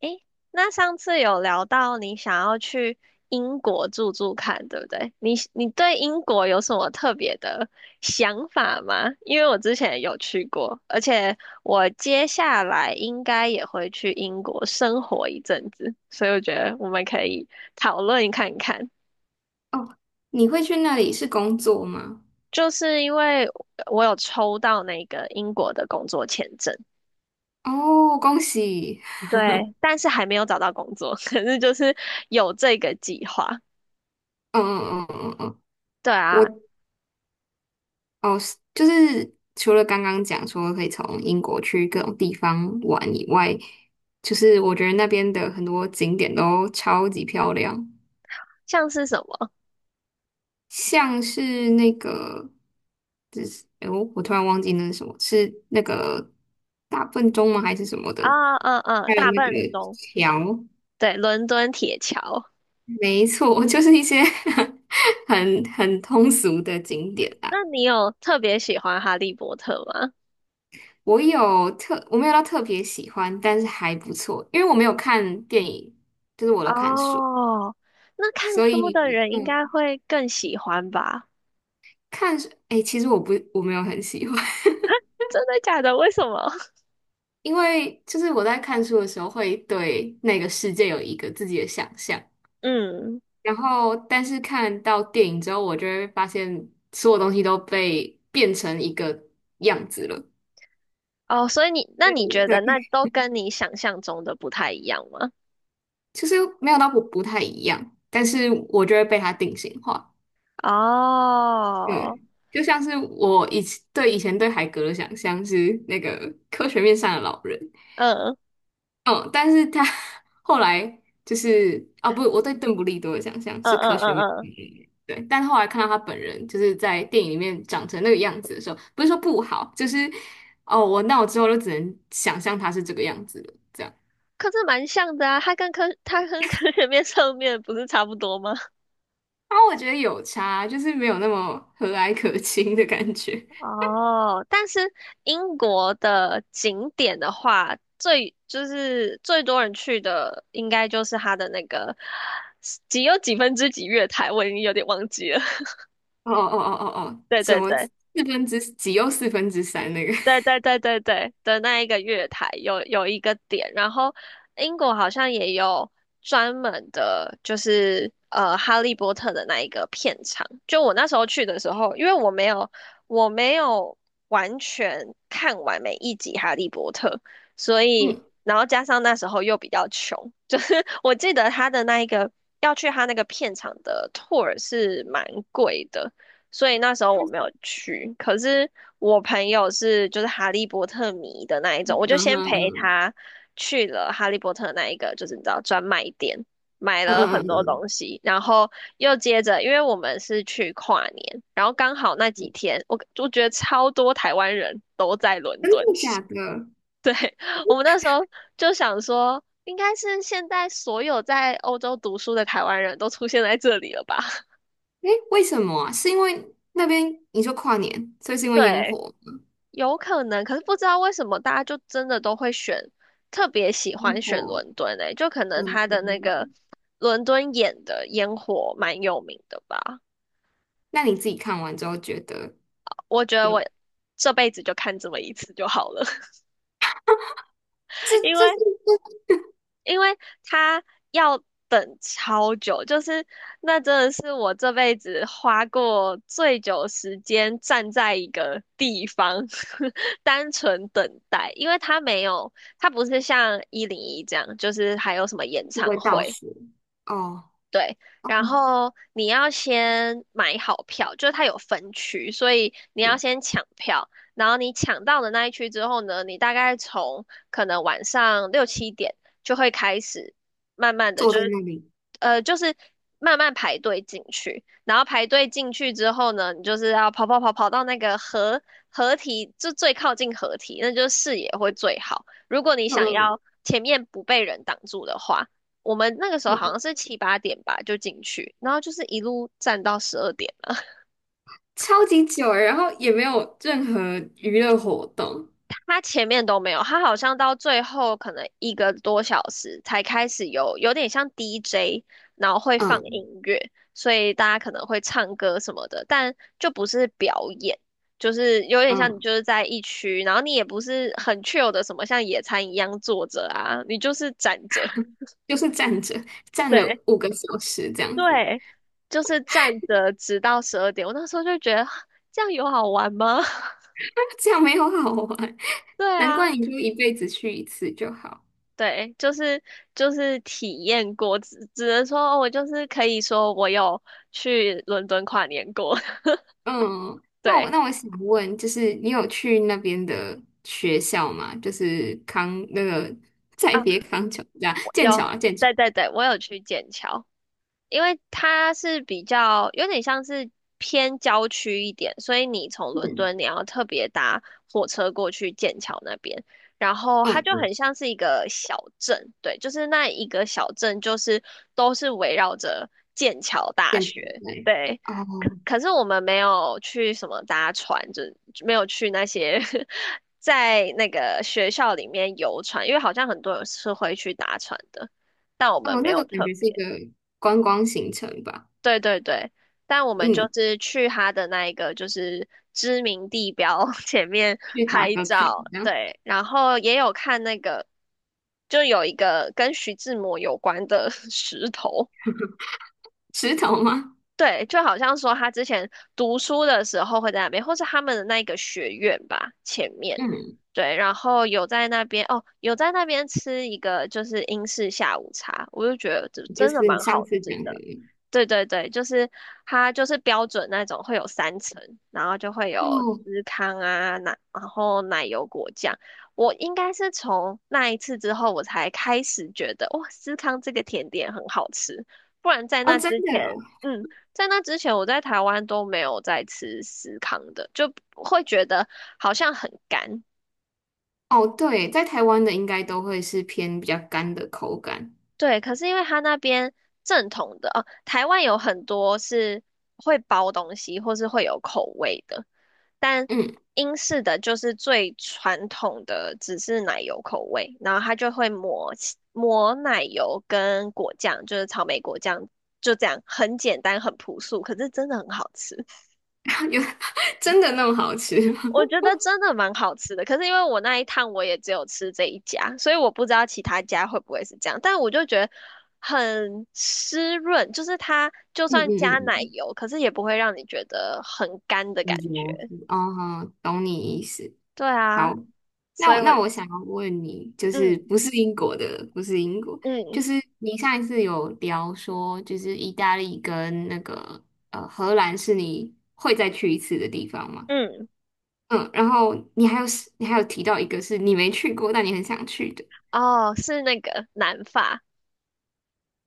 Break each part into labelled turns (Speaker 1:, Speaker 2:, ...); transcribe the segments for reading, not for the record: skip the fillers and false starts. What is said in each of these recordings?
Speaker 1: 诶，那上次有聊到你想要去英国住住看，对不对？你对英国有什么特别的想法吗？因为我之前有去过，而且我接下来应该也会去英国生活一阵子，所以我觉得我们可以讨论看看。
Speaker 2: 哦，你会去那里是工作吗？
Speaker 1: 就是因为我有抽到那个英国的工作签证，
Speaker 2: 哦，恭喜！
Speaker 1: 对，但是还没有找到工作，可是就是有这个计划。
Speaker 2: 嗯嗯嗯嗯嗯。
Speaker 1: 对
Speaker 2: 我
Speaker 1: 啊，
Speaker 2: 哦，是就是除了刚刚讲说可以从英国去各种地方玩以外，就是我觉得那边的很多景点都超级漂亮。
Speaker 1: 像是什么？
Speaker 2: 像是那个，我突然忘记那是什么，是那个大笨钟吗？还是什么的？
Speaker 1: 啊，嗯嗯，
Speaker 2: 还有
Speaker 1: 大
Speaker 2: 那个
Speaker 1: 笨钟，
Speaker 2: 桥。
Speaker 1: 对，伦敦铁桥。
Speaker 2: 没错，就是一些 很通俗的景点啦。
Speaker 1: 那你有特别喜欢《哈利波特》吗？
Speaker 2: 我没有到特别喜欢，但是还不错，因为我没有看电影，就是我都看书。
Speaker 1: 哦，那看
Speaker 2: 所
Speaker 1: 书
Speaker 2: 以
Speaker 1: 的人应
Speaker 2: 嗯，
Speaker 1: 该会更喜欢吧？
Speaker 2: 看书，哎，其实我不，我没有很喜欢。
Speaker 1: 真的假的？为什么？
Speaker 2: 因为就是我在看书的时候会对那个世界有一个自己的想象，
Speaker 1: 嗯，
Speaker 2: 然后但是看到电影之后，我就会发现所有东西都被变成一个样子了。
Speaker 1: 哦，所以你，那你觉得那
Speaker 2: 对。
Speaker 1: 都跟你想象中的不太一样吗？
Speaker 2: 其实没有到不太一样，但是我就会被它定型化。
Speaker 1: 哦，
Speaker 2: 嗯，就像是我以前对海格的想象是那个科学面上的老人。
Speaker 1: 嗯
Speaker 2: 嗯，但是他 后来就是啊，不，我对邓布利多的想象
Speaker 1: 嗯
Speaker 2: 是科
Speaker 1: 嗯
Speaker 2: 学面上
Speaker 1: 嗯
Speaker 2: 的
Speaker 1: 嗯，
Speaker 2: 老人。对，但后来看到他本人就是在电影里面长成那个样子的时候，不是说不好，就是哦，我那我之后就只能想象他是这个样子的，这样。
Speaker 1: 可是蛮像的啊，他跟科，他跟科学面上面不是差不多吗？
Speaker 2: 啊，我觉得有差，就是没有那么和蔼可亲的感觉。
Speaker 1: 哦，但是英国的景点的话，最就是最多人去的，应该就是它的那个几有几分之几月台，我已经有点忘记了。
Speaker 2: 哦哦哦哦哦，
Speaker 1: 对
Speaker 2: 什
Speaker 1: 对
Speaker 2: 么
Speaker 1: 对。
Speaker 2: 四分之几又四分之三那个？
Speaker 1: 对对对对对的那一个月台有有一个点，然后英国好像也有专门的，就是《哈利波特》的那一个片场。就我那时候去的时候，因为我没有完全看完每一集《哈利波特》，所以
Speaker 2: 嗯，
Speaker 1: 然后加上那时候又比较穷，就是 我记得他的那一个要去他那个片场的 tour 是蛮贵的。所以那时候
Speaker 2: 它
Speaker 1: 我没
Speaker 2: 是
Speaker 1: 有去。可是我朋友是就是哈利波特迷的那一
Speaker 2: 嗯
Speaker 1: 种，我就
Speaker 2: 哼。
Speaker 1: 先陪
Speaker 2: 嗯
Speaker 1: 他去了哈利波特那一个，就是你知道专卖店，买
Speaker 2: 嗯
Speaker 1: 了很
Speaker 2: 嗯
Speaker 1: 多
Speaker 2: 嗯。
Speaker 1: 东西，然后又接着，因为我们是去跨年，然后刚好那几
Speaker 2: 嗯。
Speaker 1: 天，我觉得超多台湾人都在伦
Speaker 2: 真的
Speaker 1: 敦，
Speaker 2: 假的？
Speaker 1: 我们那时候就想说。应该是现在所有在欧洲读书的台湾人都出现在这里了吧？
Speaker 2: 诶，为什么啊？是因为那边你说跨年，所以是因为烟
Speaker 1: 对，
Speaker 2: 火，
Speaker 1: 有可能，可是不知道为什么大家就真的都会选，特别喜欢
Speaker 2: 烟
Speaker 1: 选
Speaker 2: 火。
Speaker 1: 伦敦诶、就可能
Speaker 2: 嗯。
Speaker 1: 他的那个伦敦眼的烟火蛮有名的吧。
Speaker 2: 那你自己看完之后觉得
Speaker 1: 我觉得
Speaker 2: 有。
Speaker 1: 我这辈子就看这么一次就好了，
Speaker 2: 这
Speaker 1: 因
Speaker 2: 这
Speaker 1: 为
Speaker 2: 是
Speaker 1: 因为他要等超久，就是那真的是我这辈子花过最久时间站在一个地方，单纯等待，因为他没有，他不是像101这样，就是还有什么演
Speaker 2: 这是不
Speaker 1: 唱
Speaker 2: 会倒
Speaker 1: 会，
Speaker 2: 数哦。
Speaker 1: 对，
Speaker 2: 哦，
Speaker 1: 然后你要先买好票，就是它有分区，所以你要先抢票。然后你抢到的那一区之后呢，你大概从可能晚上六七点就会开始，慢慢的
Speaker 2: 坐
Speaker 1: 就
Speaker 2: 在
Speaker 1: 是，
Speaker 2: 那里。
Speaker 1: 就是慢慢排队进去。然后排队进去之后呢，你就是要跑到那个合合体，就最靠近合体，那就是视野会最好。如果你
Speaker 2: 嗯
Speaker 1: 想
Speaker 2: 嗯
Speaker 1: 要前面不被人挡住的话。我们那个时候好
Speaker 2: 嗯，
Speaker 1: 像是七八点吧就进去，然后就是一路站到十二点了。
Speaker 2: 超级久，然后也没有任何娱乐活动。
Speaker 1: 他前面都没有，他好像到最后可能一个多小时才开始有，有点像 DJ，然后会放
Speaker 2: 嗯
Speaker 1: 音乐，所以大家可能会唱歌什么的，但就不是表演，就是有点像你
Speaker 2: 嗯。
Speaker 1: 就是在一区，然后你也不是很 chill 的什么像野餐一样坐着啊，你就是站着。
Speaker 2: 就是站着站
Speaker 1: 对，
Speaker 2: 了5个小时这样子。
Speaker 1: 对，就是站着直到十二点。我那时候就觉得 这样有好玩吗？
Speaker 2: 这样没有好玩。
Speaker 1: 对
Speaker 2: 难
Speaker 1: 啊，
Speaker 2: 怪你就一辈子去一次就好。
Speaker 1: 对，就是体验过，只能说哦我就是可以说我有去伦敦跨年过。
Speaker 2: 嗯。那我
Speaker 1: 对
Speaker 2: 那我想问，就是你有去那边的学校吗？就是那个再
Speaker 1: 啊，
Speaker 2: 别康桥这样
Speaker 1: 我
Speaker 2: 剑桥
Speaker 1: 有，
Speaker 2: 啊，剑桥。
Speaker 1: 对对对，我有去剑桥。因为它是比较有点像是偏郊区一点，所以你从伦敦你要特别搭火车过去剑桥那边，然后它
Speaker 2: 嗯，
Speaker 1: 就
Speaker 2: 嗯
Speaker 1: 很像是一个小镇，对，就是那一个小镇就是都是围绕着剑桥大
Speaker 2: 剑桥。
Speaker 1: 学，
Speaker 2: 对。
Speaker 1: 对。可
Speaker 2: 哦
Speaker 1: 可是我们没有去什么搭船，就没有去那些 在那个学校里面游船，因为好像很多人是会去搭船的，但我们
Speaker 2: 哦，
Speaker 1: 没
Speaker 2: 那个
Speaker 1: 有
Speaker 2: 感
Speaker 1: 特
Speaker 2: 觉是一
Speaker 1: 别。
Speaker 2: 个观光行程吧？
Speaker 1: 对对对，但我们就
Speaker 2: 嗯，
Speaker 1: 是去他的那一个就是知名地标 前面
Speaker 2: 去打
Speaker 1: 拍
Speaker 2: 个卡。
Speaker 1: 照，
Speaker 2: 然后
Speaker 1: 对，然后也有看那个，就有一个跟徐志摩有关的 石头，
Speaker 2: 石头吗？
Speaker 1: 对，就好像说他之前读书的时候会在那边，或是他们的那一个学院吧，前面，
Speaker 2: 嗯，
Speaker 1: 对，然后有在那边哦，有在那边吃一个就是英式下午茶，我就觉得这
Speaker 2: 就
Speaker 1: 真的
Speaker 2: 是你
Speaker 1: 蛮
Speaker 2: 上
Speaker 1: 好
Speaker 2: 次
Speaker 1: 吃
Speaker 2: 讲
Speaker 1: 的。
Speaker 2: 的。
Speaker 1: 对对对，就是它就是标准那种会有三层，然后就会有
Speaker 2: 哦
Speaker 1: 司康啊奶，然后奶油果酱。我应该是从那一次之后，我才开始觉得哇，司康这个甜点很好吃，不然在
Speaker 2: 哦，
Speaker 1: 那
Speaker 2: 真
Speaker 1: 之
Speaker 2: 的
Speaker 1: 前，
Speaker 2: 哦。
Speaker 1: 嗯。在那之前，我在台湾都没有在吃司康的，就会觉得好像很干。
Speaker 2: 哦，对，在台湾的应该都会是偏比较干的口感。
Speaker 1: 对，可是因为它那边正统的哦，台湾有很多是会包东西或是会有口味的，但
Speaker 2: 嗯。
Speaker 1: 英式的就是最传统的，只是奶油口味，然后它就会抹奶油跟果酱，就是草莓果酱，就这样，很简单很朴素，可是真的很好吃。
Speaker 2: 有真的那么好吃。
Speaker 1: 我觉得真的蛮好吃的，可是因为我那一趟我也只有吃这一家，所以我不知道其他家会不会是这样。但我就觉得很湿润，就是它就
Speaker 2: 嗯
Speaker 1: 算加
Speaker 2: 嗯
Speaker 1: 奶
Speaker 2: 嗯。
Speaker 1: 油，可是也不会让你觉得很干的感觉。
Speaker 2: 嗯哦，懂你意思。
Speaker 1: 对
Speaker 2: 好。
Speaker 1: 啊，
Speaker 2: 那
Speaker 1: 所以
Speaker 2: 我
Speaker 1: 我
Speaker 2: 那我想要问你，就是
Speaker 1: 嗯
Speaker 2: 不是英国的，不是英国，
Speaker 1: 嗯
Speaker 2: 就是你上一次有聊说，就是意大利跟那个荷兰是你会再去一次的地方吗？
Speaker 1: 嗯，
Speaker 2: 嗯，然后你还有提到一个是你没去过，但你很想去的。
Speaker 1: 哦，是那个南法，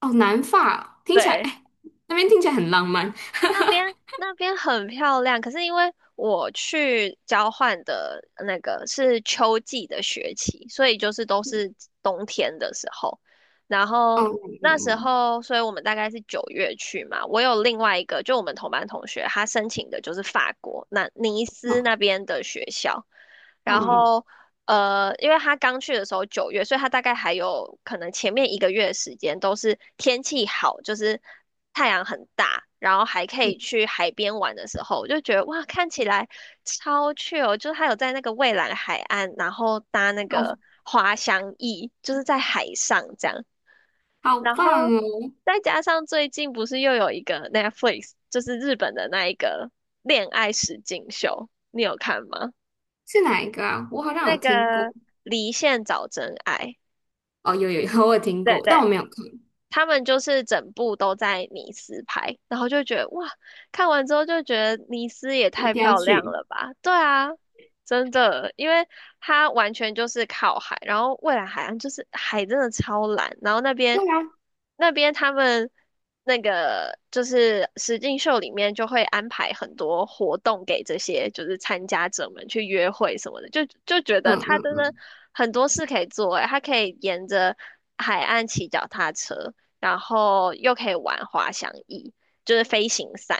Speaker 2: 哦，南法听起来，
Speaker 1: 对。
Speaker 2: 哎，那边听起来很浪漫。
Speaker 1: 那边很漂亮，可是因为我去交换的那个是秋季的学期，所以就是都是冬天的时候。然后
Speaker 2: 哦。
Speaker 1: 那时
Speaker 2: 嗯
Speaker 1: 候，所以我们大概是九月去嘛。我有另外一个，就我们同班同学，他申请的就是法国那尼斯那
Speaker 2: 嗯
Speaker 1: 边的学校。然
Speaker 2: 嗯
Speaker 1: 后因为他刚去的时候九月，所以他大概还有可能前面一个月的时间都是天气好，就是太阳很大，然后还可
Speaker 2: 嗯。
Speaker 1: 以去海边玩的时候，我就觉得哇，看起来超 chill，就是他有在那个蔚蓝海岸，然后搭那个
Speaker 2: 好
Speaker 1: 滑翔翼，就是在海上这样，
Speaker 2: 好
Speaker 1: 然
Speaker 2: 棒
Speaker 1: 后
Speaker 2: 哦！
Speaker 1: 再加上最近不是又有一个 Netflix，就是日本的那一个恋爱实境秀，你有看吗？
Speaker 2: 是哪一个啊？我好像有
Speaker 1: 那
Speaker 2: 听过。
Speaker 1: 个离线找真爱，
Speaker 2: 哦，有有有，我有听
Speaker 1: 对
Speaker 2: 过，但
Speaker 1: 对
Speaker 2: 我没有看。
Speaker 1: 他们就是整部都在尼斯拍，然后就觉得哇，看完之后就觉得尼斯也
Speaker 2: 一
Speaker 1: 太
Speaker 2: 定要
Speaker 1: 漂亮
Speaker 2: 去。
Speaker 1: 了吧？对啊，真的，因为它完全就是靠海，然后蔚蓝海岸就是海真的超蓝，然后那边
Speaker 2: 对啊。
Speaker 1: 那边他们那个就是实境秀里面就会安排很多活动给这些就是参加者们去约会什么的，就觉得
Speaker 2: 嗯
Speaker 1: 它
Speaker 2: 嗯
Speaker 1: 真的
Speaker 2: 嗯。
Speaker 1: 很多事可以做，欸，它可以沿着海岸骑脚踏车。然后又可以玩滑翔翼，就是飞行伞。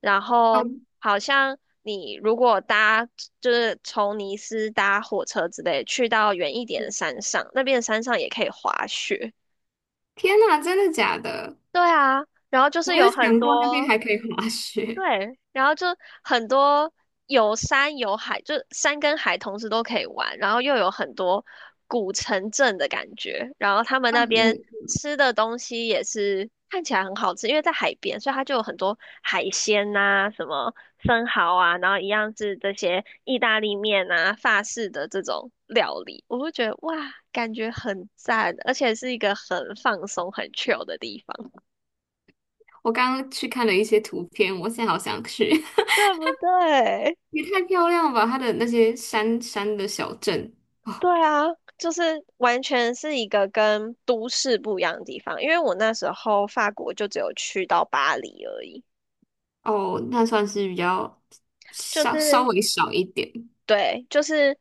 Speaker 1: 然
Speaker 2: 哦，
Speaker 1: 后好像你如果就是从尼斯搭火车之类去到远一点的山上，那边的山上也可以滑雪。
Speaker 2: 天哪，真的假的？
Speaker 1: 对啊，然后就
Speaker 2: 我
Speaker 1: 是
Speaker 2: 没有
Speaker 1: 有很
Speaker 2: 想过那边
Speaker 1: 多
Speaker 2: 还可以滑雪。
Speaker 1: 对，然后就很多有山有海，就山跟海同时都可以玩，然后又有很多古城镇的感觉，然后他们
Speaker 2: 嗯
Speaker 1: 那边
Speaker 2: 嗯。
Speaker 1: 吃的东西也是看起来很好吃，因为在海边，所以它就有很多海鲜呐、什么生蚝啊，然后一样是这些意大利面啊、法式的这种料理，我会觉得哇，感觉很赞，而且是一个很放松、很 chill 的地方，
Speaker 2: 我刚刚去看了一些图片，我现在好想去。
Speaker 1: 对不对？
Speaker 2: 也太漂亮了吧！它的那些山的小镇。
Speaker 1: 对啊，就是完全是一个跟都市不一样的地方。因为我那时候法国就只有去到巴黎而已，
Speaker 2: 哦，那算是比较
Speaker 1: 就
Speaker 2: 稍
Speaker 1: 是
Speaker 2: 微少一点。
Speaker 1: 对，就是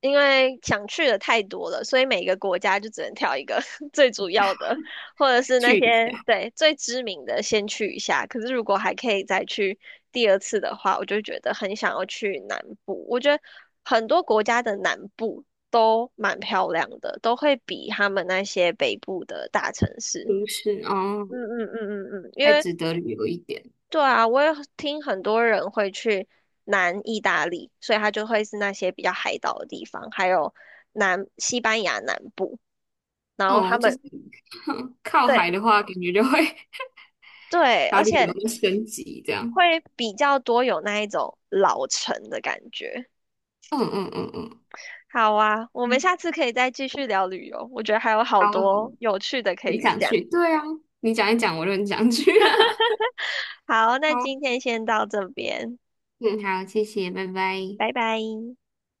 Speaker 1: 因为想去的太多了，所以每个国家就只能挑一个 最主要的，或者是那
Speaker 2: 去一
Speaker 1: 些
Speaker 2: 下
Speaker 1: 对最知名的先去一下。可是如果还可以再去第二次的话，我就觉得很想要去南部。我觉得很多国家的南部都蛮漂亮的，都会比他们那些北部的大城市。
Speaker 2: 都市哦，
Speaker 1: 嗯嗯嗯嗯嗯，因
Speaker 2: 还
Speaker 1: 为
Speaker 2: 值得旅游一点
Speaker 1: 对啊，我也听很多人会去南意大利，所以它就会是那些比较海岛的地方，还有南西班牙南部，然后他
Speaker 2: 哦。就
Speaker 1: 们
Speaker 2: 是 靠
Speaker 1: 对
Speaker 2: 海的话，感觉就会
Speaker 1: 对，
Speaker 2: 把
Speaker 1: 而
Speaker 2: 旅游
Speaker 1: 且
Speaker 2: 都升级这样。
Speaker 1: 会比较多有那一种老城的感觉。
Speaker 2: 嗯嗯嗯嗯。
Speaker 1: 好啊，我们
Speaker 2: 嗯
Speaker 1: 下次可以再继续聊旅游，我觉得还有好
Speaker 2: 好，
Speaker 1: 多有趣的可
Speaker 2: 很
Speaker 1: 以
Speaker 2: 想
Speaker 1: 讲。
Speaker 2: 去。对啊，你讲一讲，我就很想去。
Speaker 1: 好，那
Speaker 2: 好。
Speaker 1: 今天先到这边，
Speaker 2: 嗯，好，谢谢，拜拜。
Speaker 1: 拜拜。